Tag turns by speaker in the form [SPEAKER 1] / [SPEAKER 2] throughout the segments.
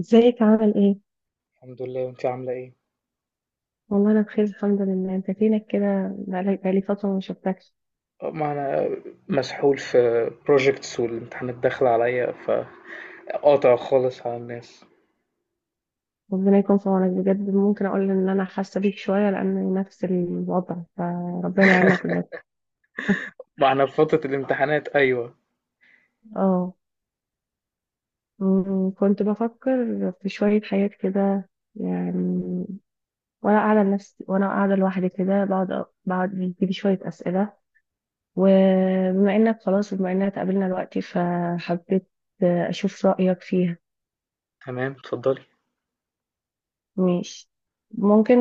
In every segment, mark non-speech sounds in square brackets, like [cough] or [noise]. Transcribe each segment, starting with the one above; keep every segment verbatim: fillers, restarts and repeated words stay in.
[SPEAKER 1] ازيك عامل ايه؟
[SPEAKER 2] الحمد لله انت عامله ايه.
[SPEAKER 1] والله انا بخير الحمد لله، انت فينك كده؟ بقالي بقالي فترة ما شفتكش.
[SPEAKER 2] أه، ما انا مسحول في projects والامتحانات داخله عليا، فقاطع خالص على الناس.
[SPEAKER 1] ربنا يكون في عونك بجد. ممكن اقول ان انا حاسة بيك شوية لان نفس الوضع، فربنا يعيننا
[SPEAKER 2] [laughs]
[SPEAKER 1] كلنا.
[SPEAKER 2] ما انا في فتره الامتحانات، ايوه.
[SPEAKER 1] اه. أمم، كنت بفكر في شوية حاجات كده يعني، وانا قاعدة لنفسي وانا قاعدة لوحدي كده، بقعد بقعد بيجيلي شوية اسئلة، وبما انك خلاص وبما اننا اتقابلنا دلوقتي، فحبيت اشوف رأيك فيها.
[SPEAKER 2] تمام اتفضلي.
[SPEAKER 1] ماشي. ممكن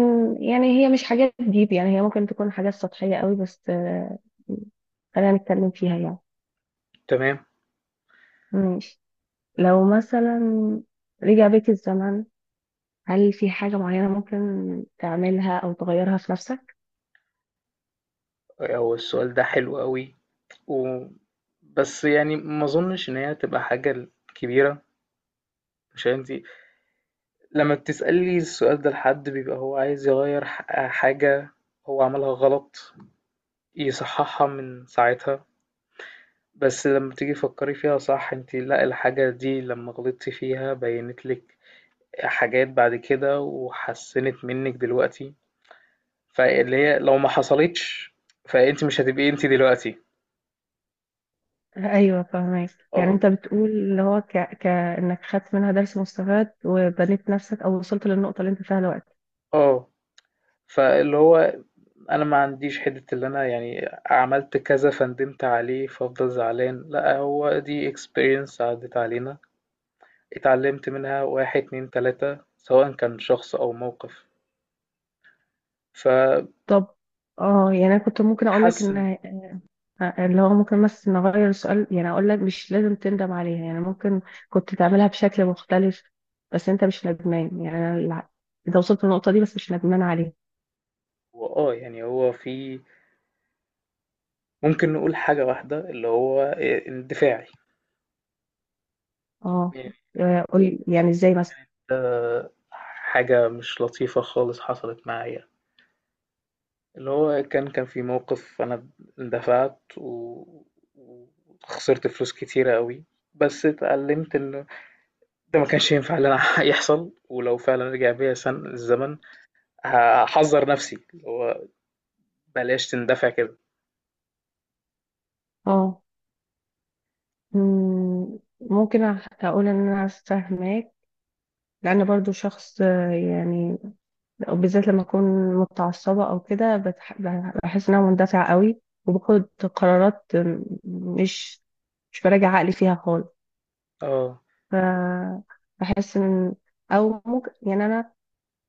[SPEAKER 1] يعني، هي مش حاجات ديب، يعني هي ممكن تكون حاجات سطحية قوي، بس آه، خلينا نتكلم فيها يعني.
[SPEAKER 2] تمام.
[SPEAKER 1] ماشي. لو مثلا رجع بيك الزمن، هل في حاجة معينة ممكن تعملها أو تغيرها في نفسك؟
[SPEAKER 2] أه، هو السؤال ده حلو قوي، و... بس يعني ما اظنش ان هي تبقى حاجه كبيره. مش انتي لما بتسألي السؤال ده لحد بيبقى هو عايز يغير ح- حاجه هو عملها غلط، يصححها من ساعتها. بس لمّا تيجي تفكّري فيها صح، أنتِ لأ، الحاجة دي لمّا غلطتِ فيها بيّنت لِك حاجات بعد كده وحسّنت منِّك دلوقتي، فاللي هي لو ما حصلتش فأنتِ مش هتبقي أنتِ دلوقتي.
[SPEAKER 1] أيوة فاهمك. يعني
[SPEAKER 2] آه،
[SPEAKER 1] أنت بتقول اللي هو ك... كأنك خدت منها درس مستفاد وبنيت نفسك أو وصلت للنقطة اللي أنت فيها دلوقتي.
[SPEAKER 2] آه، فاللي هو أنا ما عنديش حِتّة اللي أنا يعني عملت كذا فندمت عليه فافضل زعلان، لأ، هو دي experience عدّت علينا، اتعلّمت منها واحد، اتنين، تلاتة سواء كان شخص أو موقف،
[SPEAKER 1] طب اه، يعني أنا كنت ممكن أقول لك
[SPEAKER 2] فبتحسّن.
[SPEAKER 1] إن اللي هو، ممكن بس نغير السؤال، يعني اقول لك مش لازم تندم عليها، يعني ممكن كنت تعملها بشكل مختلف بس انت مش ندمان. يعني أنا الع- انت وصلت للنقطة دي بس مش ندمان عليها.
[SPEAKER 2] وآه، يعني هو في، ممكن نقول حاجة واحدة اللي هو آآ الدفاعي،
[SPEAKER 1] اه.
[SPEAKER 2] يعني.
[SPEAKER 1] آه، قول يعني ازاي مثلا.
[SPEAKER 2] ده حاجة مش لطيفة خالص حصلت معايا، اللي هو كان كان في موقف، أنا دفعت و وخسرت فلوس كتيرة أوي، بس اتعلمت إنه ده ما كانش ينفع اللي أنا [laughs] يحصل، ولو فعلًا رجع بيا سن الزمن هاحذّر نفسي، اللي هو بلاش تندفع كده.
[SPEAKER 1] اه. مم، ممكن أح- اقول ان انا فاهماك، لان برضو شخص آه، يعني، بالذات لما اكون متعصبة او كده بتح- بحس ان انا مندفعة قوي وباخد قرارات آه، مش مش براجع عقلي فيها خالص.
[SPEAKER 2] آه.
[SPEAKER 1] فبحس ان، او ممكن يعني انا،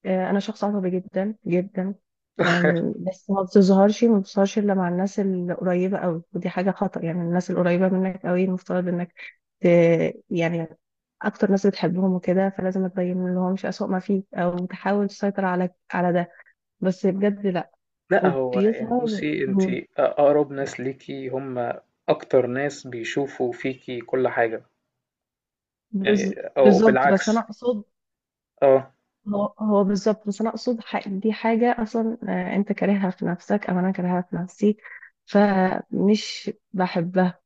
[SPEAKER 1] آه، انا شخص عصبي جدا جدا.
[SPEAKER 2] [laughs]
[SPEAKER 1] آم، بس ما بتظهرش ما بتظهرش الا مع الناس القريبه قوي، ودي حاجه خطأ. يعني الناس القريبه منك قوي المفترض انك ت... يعني اكتر ناس بتحبهم وكده، فلازم ما تبين لهمش اسوأ ما فيك او تحاول تسيطر على على ده. بس بجد لا،
[SPEAKER 2] لأ، هو يعني
[SPEAKER 1] وبيظهر.
[SPEAKER 2] بُصّي، أنتِ
[SPEAKER 1] مم.
[SPEAKER 2] أقرب ناس ليكِ هم أكتر ناس بيشوفوا فيكِ كل حاجة، يعني
[SPEAKER 1] بز-
[SPEAKER 2] أو
[SPEAKER 1] بالظبط، بس انا
[SPEAKER 2] بالعكس.
[SPEAKER 1] اقصد
[SPEAKER 2] آه،
[SPEAKER 1] هو هو بالظبط، بس انا اقصد ح- دي حاجه اصلا آه، انت كارهها في نفسك او انا كارهها في نفسي، فمش بحبها.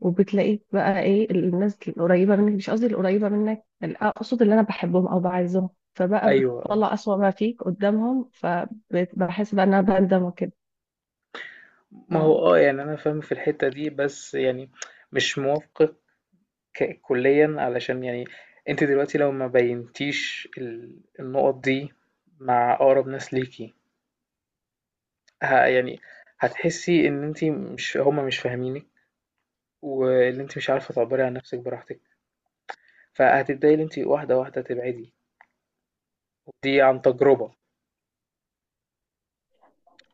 [SPEAKER 1] وبتلاقيك بقى ايه، الناس القريبه منك، مش قصدي القريبه منك، اقصد اللي انا بحبهم او بعزهم، فبقى
[SPEAKER 2] أيوه. آه،
[SPEAKER 1] بتطلع اسوأ ما فيك قدامهم، فبحس بقى ان انا بندم وكده.
[SPEAKER 2] ما هو
[SPEAKER 1] ف-
[SPEAKER 2] آه، يعني أنا فاهم في الحتّة دي، بس يعني مش موافقِك ك- كُلّيًا، علشان يعني أنتِ دلوقتي لو ما بيّنتيش ال النُقط دي مع أقرب ناس ليكِ، ه يعني هتحسّي إن أنتِ مش، هم مش فاهمينِك، وإن أنتِ مش عارفة تعبّري عن نَفْسِك براحتك، فهتبدئي إن أنتِ واحدة، واحدة تبعدي. دي عن تجربة.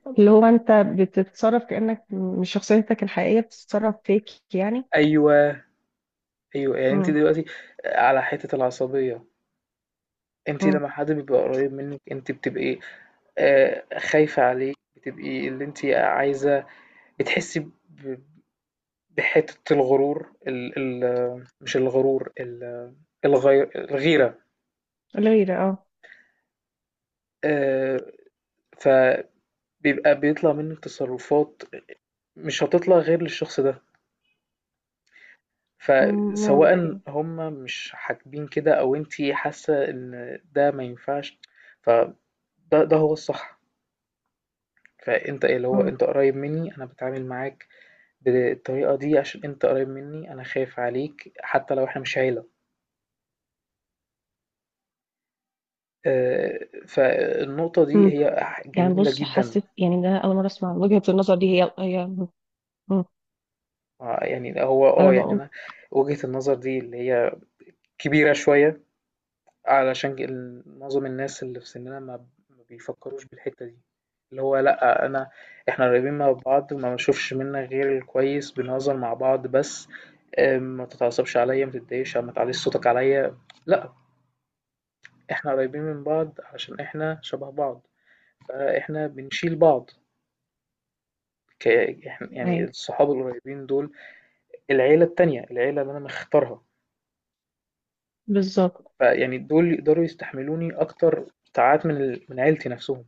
[SPEAKER 1] اللي هو انت بتتصرف كانك مش شخصيتك الحقيقيه بتتصرف فيك يعني.
[SPEAKER 2] أيوه، أيوه، يعني أنتِ
[SPEAKER 1] امم.
[SPEAKER 2] دلوقتي آه، على حتّة العصبية، أنتِ
[SPEAKER 1] امم.
[SPEAKER 2] لمّا حد بيبقى قريّب منِّك أنتِ بتبقي آآ خايفة عليه، بتبقي اللي أنتِ عايزة، بتحسّي ب بحتّة الغرور، ال ال مش الغرور ال الغي الغيرة.
[SPEAKER 1] غير اه.
[SPEAKER 2] آآ، فبيبقى بيطلع منِّك تصرّفات مش هتطلع غير للشخص ده. فسواء
[SPEAKER 1] ممكن.
[SPEAKER 2] هم مش حاكبين كده أو أنتِ حاسة إن ده ما ينفعش، فده ده هو الصح. فأنت ايه، اللي هو
[SPEAKER 1] امم.
[SPEAKER 2] أنت قريب منّي، أنا باتعامل معاك بالطريقة دي عشان أنت قريب منّي، أنا خايف عليك حتى لو إحنا مش عيلة. آآ فالنقطة دي
[SPEAKER 1] امم.
[SPEAKER 2] هي ح
[SPEAKER 1] يعني
[SPEAKER 2] جميلة
[SPEAKER 1] بص،
[SPEAKER 2] جدًا.
[SPEAKER 1] حسيت يعني ده اول مره اسمع وجهه النظر دي، هي هي م-
[SPEAKER 2] آه يعني هو
[SPEAKER 1] انا
[SPEAKER 2] آه يعني
[SPEAKER 1] بقول
[SPEAKER 2] أنا وجهة النظر دي اللي هي كبيرة شوية، علشان ك- ال- معظم الناس اللي في سننا ما ما بيفكروش بالحتة دي. اللي هو لأ، أنا، إحنا قريبين من بعض ما بنشوفش منك غير الكويس، بنهزر مع بعض بس. آه، ما تتعصبش عليا، ما تتضايقش، ما تعليش صوتك عليا. لأ، إحنا قريبين من بعض عشان إحنا شبه بعض، فإحنا بنشيل بعض. ك- إحنا- يعني
[SPEAKER 1] اي.
[SPEAKER 2] الصحاب القريبين دول، العيلة التانية، العيلة اللي أنا مختارها،
[SPEAKER 1] بالظبط.
[SPEAKER 2] فيعني دول يقدروا يستحملوني أكتر ساعات من ال- من عيلتي نفسهم.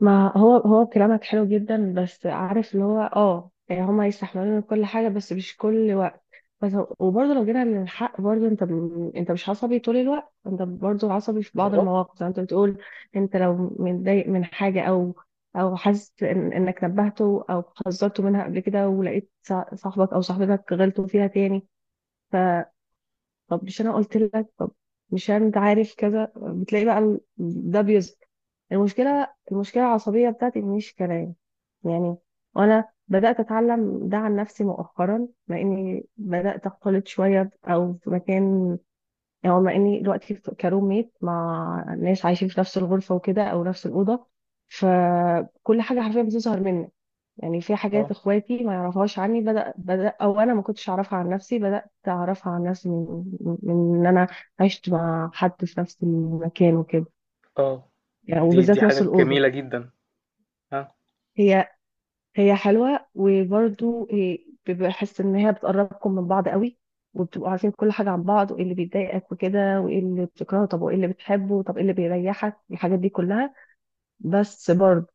[SPEAKER 1] ما هو هو كلامك حلو جدا، بس عارف اللي هو اه، يعني هما يستحملون كل حاجه بس مش كل وقت، بس. وبرضه لو جينا للحق، برضه انت م- انت مش عصبي طول الوقت، انت برضه عصبي في بعض
[SPEAKER 2] اه.
[SPEAKER 1] المواقف زي ما انت بتقول. انت لو متضايق من حاجه او او حاسس إن انك نبهته او حذرته منها قبل كده، ولقيت صا- صاحبك او صاحبتك غلطوا فيها تاني، طب مش انا قلت لك؟ طب مش يعني انت عارف كذا، بتلاقي بقى ال- ده بيظهر. المشكله المشكله العصبيه بتاعتي مش كلام يعني. وانا بدات اتعلم ده عن نفسي مؤخرا، مع اني بدات اختلط شويه او في مكان، يعني مع اني دلوقتي في- كروم ميت مع ناس عايشين في نفس الغرفه وكده او نفس الاوضه، فكل حاجه حرفيا بتظهر منك. يعني في حاجات
[SPEAKER 2] اه.
[SPEAKER 1] اخواتي ما يعرفوهاش عني، بدأ بدأ او انا ما كنتش اعرفها عن نفسي، بدأت اعرفها عن نفسي من من ان انا عشت مع حد في نفس المكان وكده،
[SPEAKER 2] آه،
[SPEAKER 1] يعني
[SPEAKER 2] دي دي
[SPEAKER 1] وبالذات
[SPEAKER 2] حاجة
[SPEAKER 1] نفس الأوضة.
[SPEAKER 2] جميلة جدًا. آه.
[SPEAKER 1] هي هي حلوة، وبرضو هي- بحس ان هي بتقربكم من بعض قوي، وبتبقوا عارفين كل حاجة عن بعض، وايه اللي بيضايقك وكده، وايه اللي بتكرهه، طب وايه اللي بتحبه، طب ايه اللي بيريحك، الحاجات دي كلها. بس برضو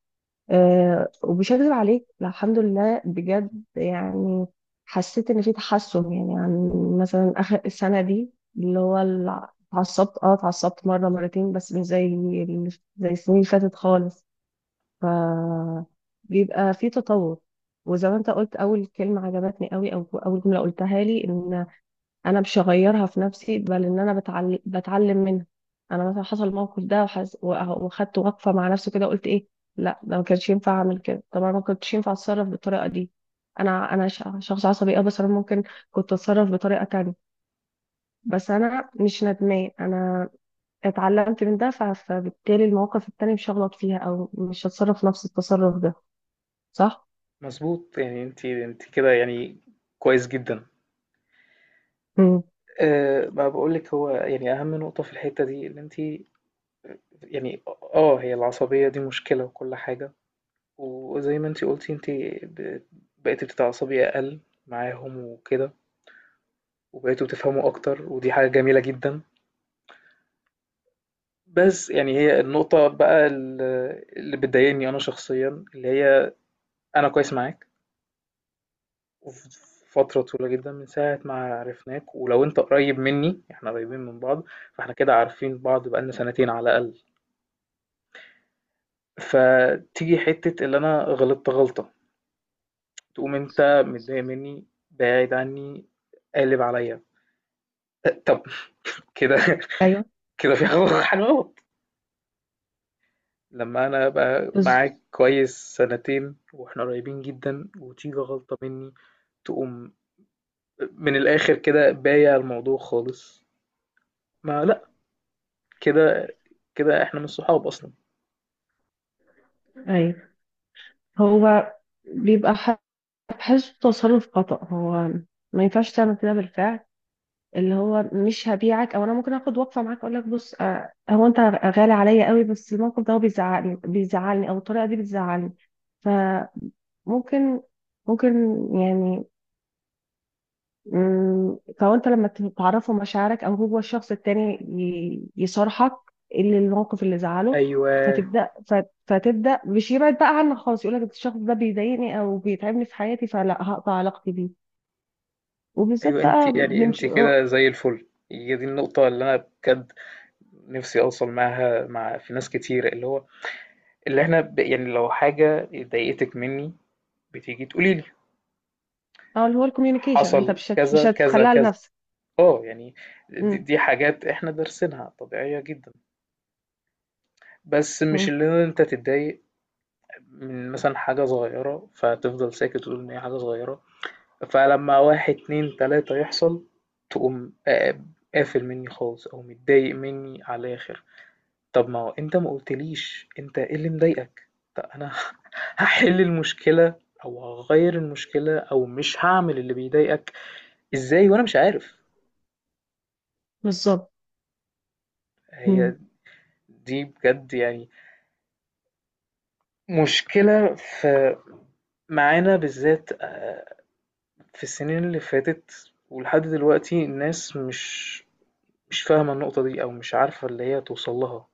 [SPEAKER 1] أه، ومش هكذب عليك، الحمد لله بجد، يعني حسيت ان في تحسن، يعني عن مثلا اخر السنه دي. اللي هو ال- اتعصبت اه، اتعصبت مره مرتين، بس مش زي ال- زي السنين اللي فاتت خالص. ف بيبقى في تطور. وزي ما انت قلت اول كلمه عجبتني قوي او اول جمله قلتها لي، ان انا مش هغيرها في نفسي، بل ان انا بتعلم، بتعلم منها. انا مثلا حصل الموقف ده، وحز... وأه- وخدت وقفه مع نفسي كده، قلت ايه، لا ده ما كانش ينفع اعمل كده، طبعا ما كنتش ينفع اتصرف بالطريقه دي. انا انا ش- شخص عصبي اه، بس انا ممكن كنت اتصرف بطريقه تانية. بس انا مش ندمان، انا اتعلمت من ده، ف... فبالتالي المواقف التانية مش هغلط فيها او مش هتصرف نفس التصرف ده. صح؟
[SPEAKER 2] مضبوط، يعني أنتِ، أنتِ كده يعني كويس جدًا.
[SPEAKER 1] امم.
[SPEAKER 2] آآ، ما باقول لِك، هو يعني أهم نقطة في الحتة دي إن أنتِ يعني، آه، هي العصبية دي مشكلة وكل حاجة، وزي ما أنتِ قلتِ أنتِ ب بقيتِ بتتعصبي أقل معاهم وكده، وبقيتوا بتفهموا أكتر، ودي حاجة جميلة جدًا. بس يعني هي النقطة بقى ال اللي بتضايقني أنا شخصيًا اللي هي، أنا كويس معاك وف- فترة طويلة جدا من ساعة ما عرفناك، ولو انت قريب مني احنا قريبين من بعض، فاحنا كده عارفين بعض بقالنا سنتين على الأقل. فتيجي حتة اللي انا غلطت غلطة، تقوم انت متضايق مني، بعيد عني، قالب عليا. طب كده [laughs]
[SPEAKER 1] ايوه.
[SPEAKER 2] كده في حاجة حاجة غلط. لما انا ابقى
[SPEAKER 1] بز...
[SPEAKER 2] معاك كويس سنتين واحنا قريبين جدا، وتيجي غلطة مني تقوم من الاخر كده بايع الموضوع خالص، ما لا، كده، كده احنا مش صحاب اصلا.
[SPEAKER 1] ايوه. هو بيبقى بحسه تصرف خطأ، هو ما ينفعش تعمل كده بالفعل. اللي هو مش هبيعك، او انا ممكن اخد وقفه معاك، اقول لك بص آه، هو انت غالي عليا قوي، بس الموقف ده هو بيزعلني، بيزعلني او الطريقه دي بتزعلني. فممكن، ممكن يعني، مم، فهو انت لما تعرفه مشاعرك، او هو الشخص التاني ي- يصارحك اللي الموقف اللي زعله،
[SPEAKER 2] ايوه،
[SPEAKER 1] فتبدا فت- فتبدا مش يبعد بقى عنك خالص، يقول لك الشخص ده بيضايقني او بيتعبني في حياتي فلا هقطع علاقتي بيه،
[SPEAKER 2] ايوه
[SPEAKER 1] وبالذات بقى
[SPEAKER 2] انت يعني
[SPEAKER 1] من ش...
[SPEAKER 2] انت
[SPEAKER 1] اه.
[SPEAKER 2] كده زي الفل. هي دي النقطه اللي انا بجد نفسي اوصل معاها مع في ناس كتير، اللي هو اللي احنا ب... يعني لو حاجه ضايقتك مني بتيجي تقولي لي
[SPEAKER 1] آه، اللي هو الكوميونيكيشن، انت
[SPEAKER 2] حصل
[SPEAKER 1] مش هت... مش
[SPEAKER 2] كذا كذا
[SPEAKER 1] هتخليها
[SPEAKER 2] كذا.
[SPEAKER 1] لنفسك.
[SPEAKER 2] اه يعني دي,
[SPEAKER 1] مم.
[SPEAKER 2] دي حاجات احنا دارسينها طبيعيه جدا. بس مش
[SPEAKER 1] مم.
[SPEAKER 2] اللي انت تتضايق من مثلا حاجه صغيره فتفضل ساكت وتقول ان هي حاجه صغيره، فلما واحد اتنين تلاتة يحصل تقوم آه، قافل مني خالص أو متضايق مني على الآخر. طب ما هو أنت ما قلتليش أنت إيه اللي مضايقك؟ طب أنا [laughs] هحل المشكلة أو هغير المشكلة أو مش هعمل اللي بيضايقك، إزاي وأنا مش عارف؟
[SPEAKER 1] بالظبط. مم.
[SPEAKER 2] هي دي بجد يعني مشكلة في، معانا بالذات آه، في السنين اللي فاتت ولحد دلوقتي، الناس مش مش فاهمة النقطة دي أو مش عارفة اللي هي توصل لها،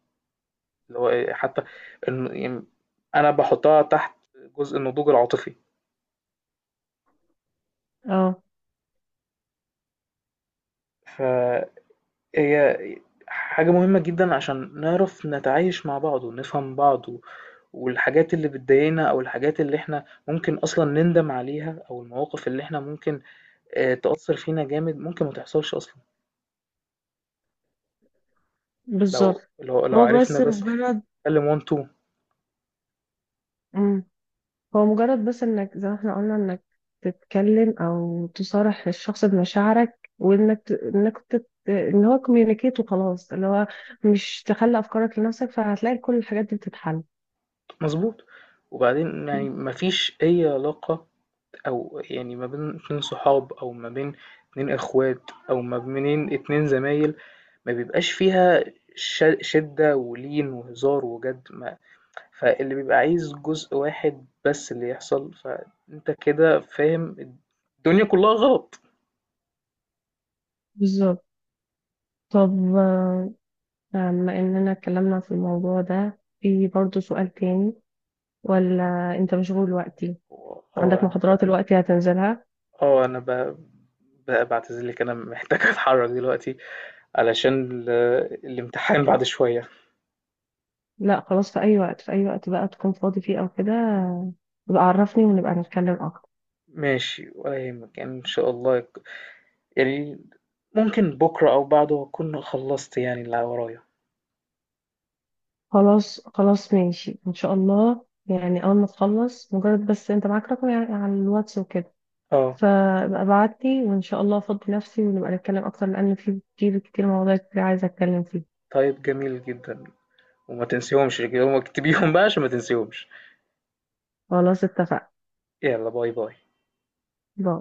[SPEAKER 2] اللي هو إيه، حتى الن- يعني أنا باحطها تحت جزء النضوج العاطفي.
[SPEAKER 1] اه
[SPEAKER 2] فهي حاجة مهمة جدا عشان نعرف نتعايش مع بعض ونفهم بعض و- والحاجات اللي بتضايقنا أو الحاجات اللي احنا ممكن أصلا نندم عليها، أو المواقف اللي احنا ممكن آه، تأثر فينا جامد ممكن ما تحصلش أصلا
[SPEAKER 1] بالظبط.
[SPEAKER 2] لو لو لو
[SPEAKER 1] هو
[SPEAKER 2] عرفنا
[SPEAKER 1] بس
[SPEAKER 2] بس
[SPEAKER 1] مجرد.
[SPEAKER 2] نتكلم وان تو.
[SPEAKER 1] مم. هو مجرد بس انك زي ما احنا قلنا، انك تتكلم او تصارح الشخص بمشاعرك، وانك ت... انك تت... ان هو كوميونيكيت وخلاص، اللي هو مش تخلي افكارك لنفسك، فهتلاقي كل الحاجات دي بتتحل.
[SPEAKER 2] مظبوط. وبعدين يعني مفيش أي علاقة أو يعني ما بين اتنين صحاب أو ما بين اتنين إخوات أو ما بين اتنين زمايل ما بيبقاش فيها ش شِدّة ولين وهزار وجَد، ما فاللي بيبقى عايز جزء واحد بس اللي يحصل، فأنت كده فاهم الد الدنيا كلّها غلط.
[SPEAKER 1] بالظبط. طب آه، بما اننا اتكلمنا في الموضوع ده، في برضه سؤال تاني، ولا انت مشغول دلوقتي؟
[SPEAKER 2] و آه،
[SPEAKER 1] عندك
[SPEAKER 2] أنا
[SPEAKER 1] محاضرات
[SPEAKER 2] ب
[SPEAKER 1] دلوقتي هتنزلها؟
[SPEAKER 2] آه، أنا ب ب باعتذر لِك، أنا محتاج أتحرّك دلوقتي علشان ال الإمتحان بعد شوية.
[SPEAKER 1] لا خلاص، في اي وقت، في اي وقت بقى تكون فاضي فيه او كده، يبقى عرفني ونبقى نتكلم اكتر.
[SPEAKER 2] ماشي ولا يهمك، يعني إن شاء الله يك- يعني ممكن بكرة أو بعده أكون خلصت يعني اللي ورايا.
[SPEAKER 1] خلاص خلاص ماشي، ان شاء الله. يعني اول ما تخلص، مجرد بس انت معاك رقم يعني على الواتس وكده،
[SPEAKER 2] اه
[SPEAKER 1] فابقى ابعتلي وان شاء الله افضي نفسي ونبقى نتكلم اكتر، لان في كتير، كتير مواضيع كتير عايزه اتكلم فيها.
[SPEAKER 2] طيب جميل جدا، وما تنسيهمش كده، وما اكتبيهم بقى عشان ما تنسيهمش.
[SPEAKER 1] خلاص اتفقنا.
[SPEAKER 2] يلا باي باي.
[SPEAKER 1] باي.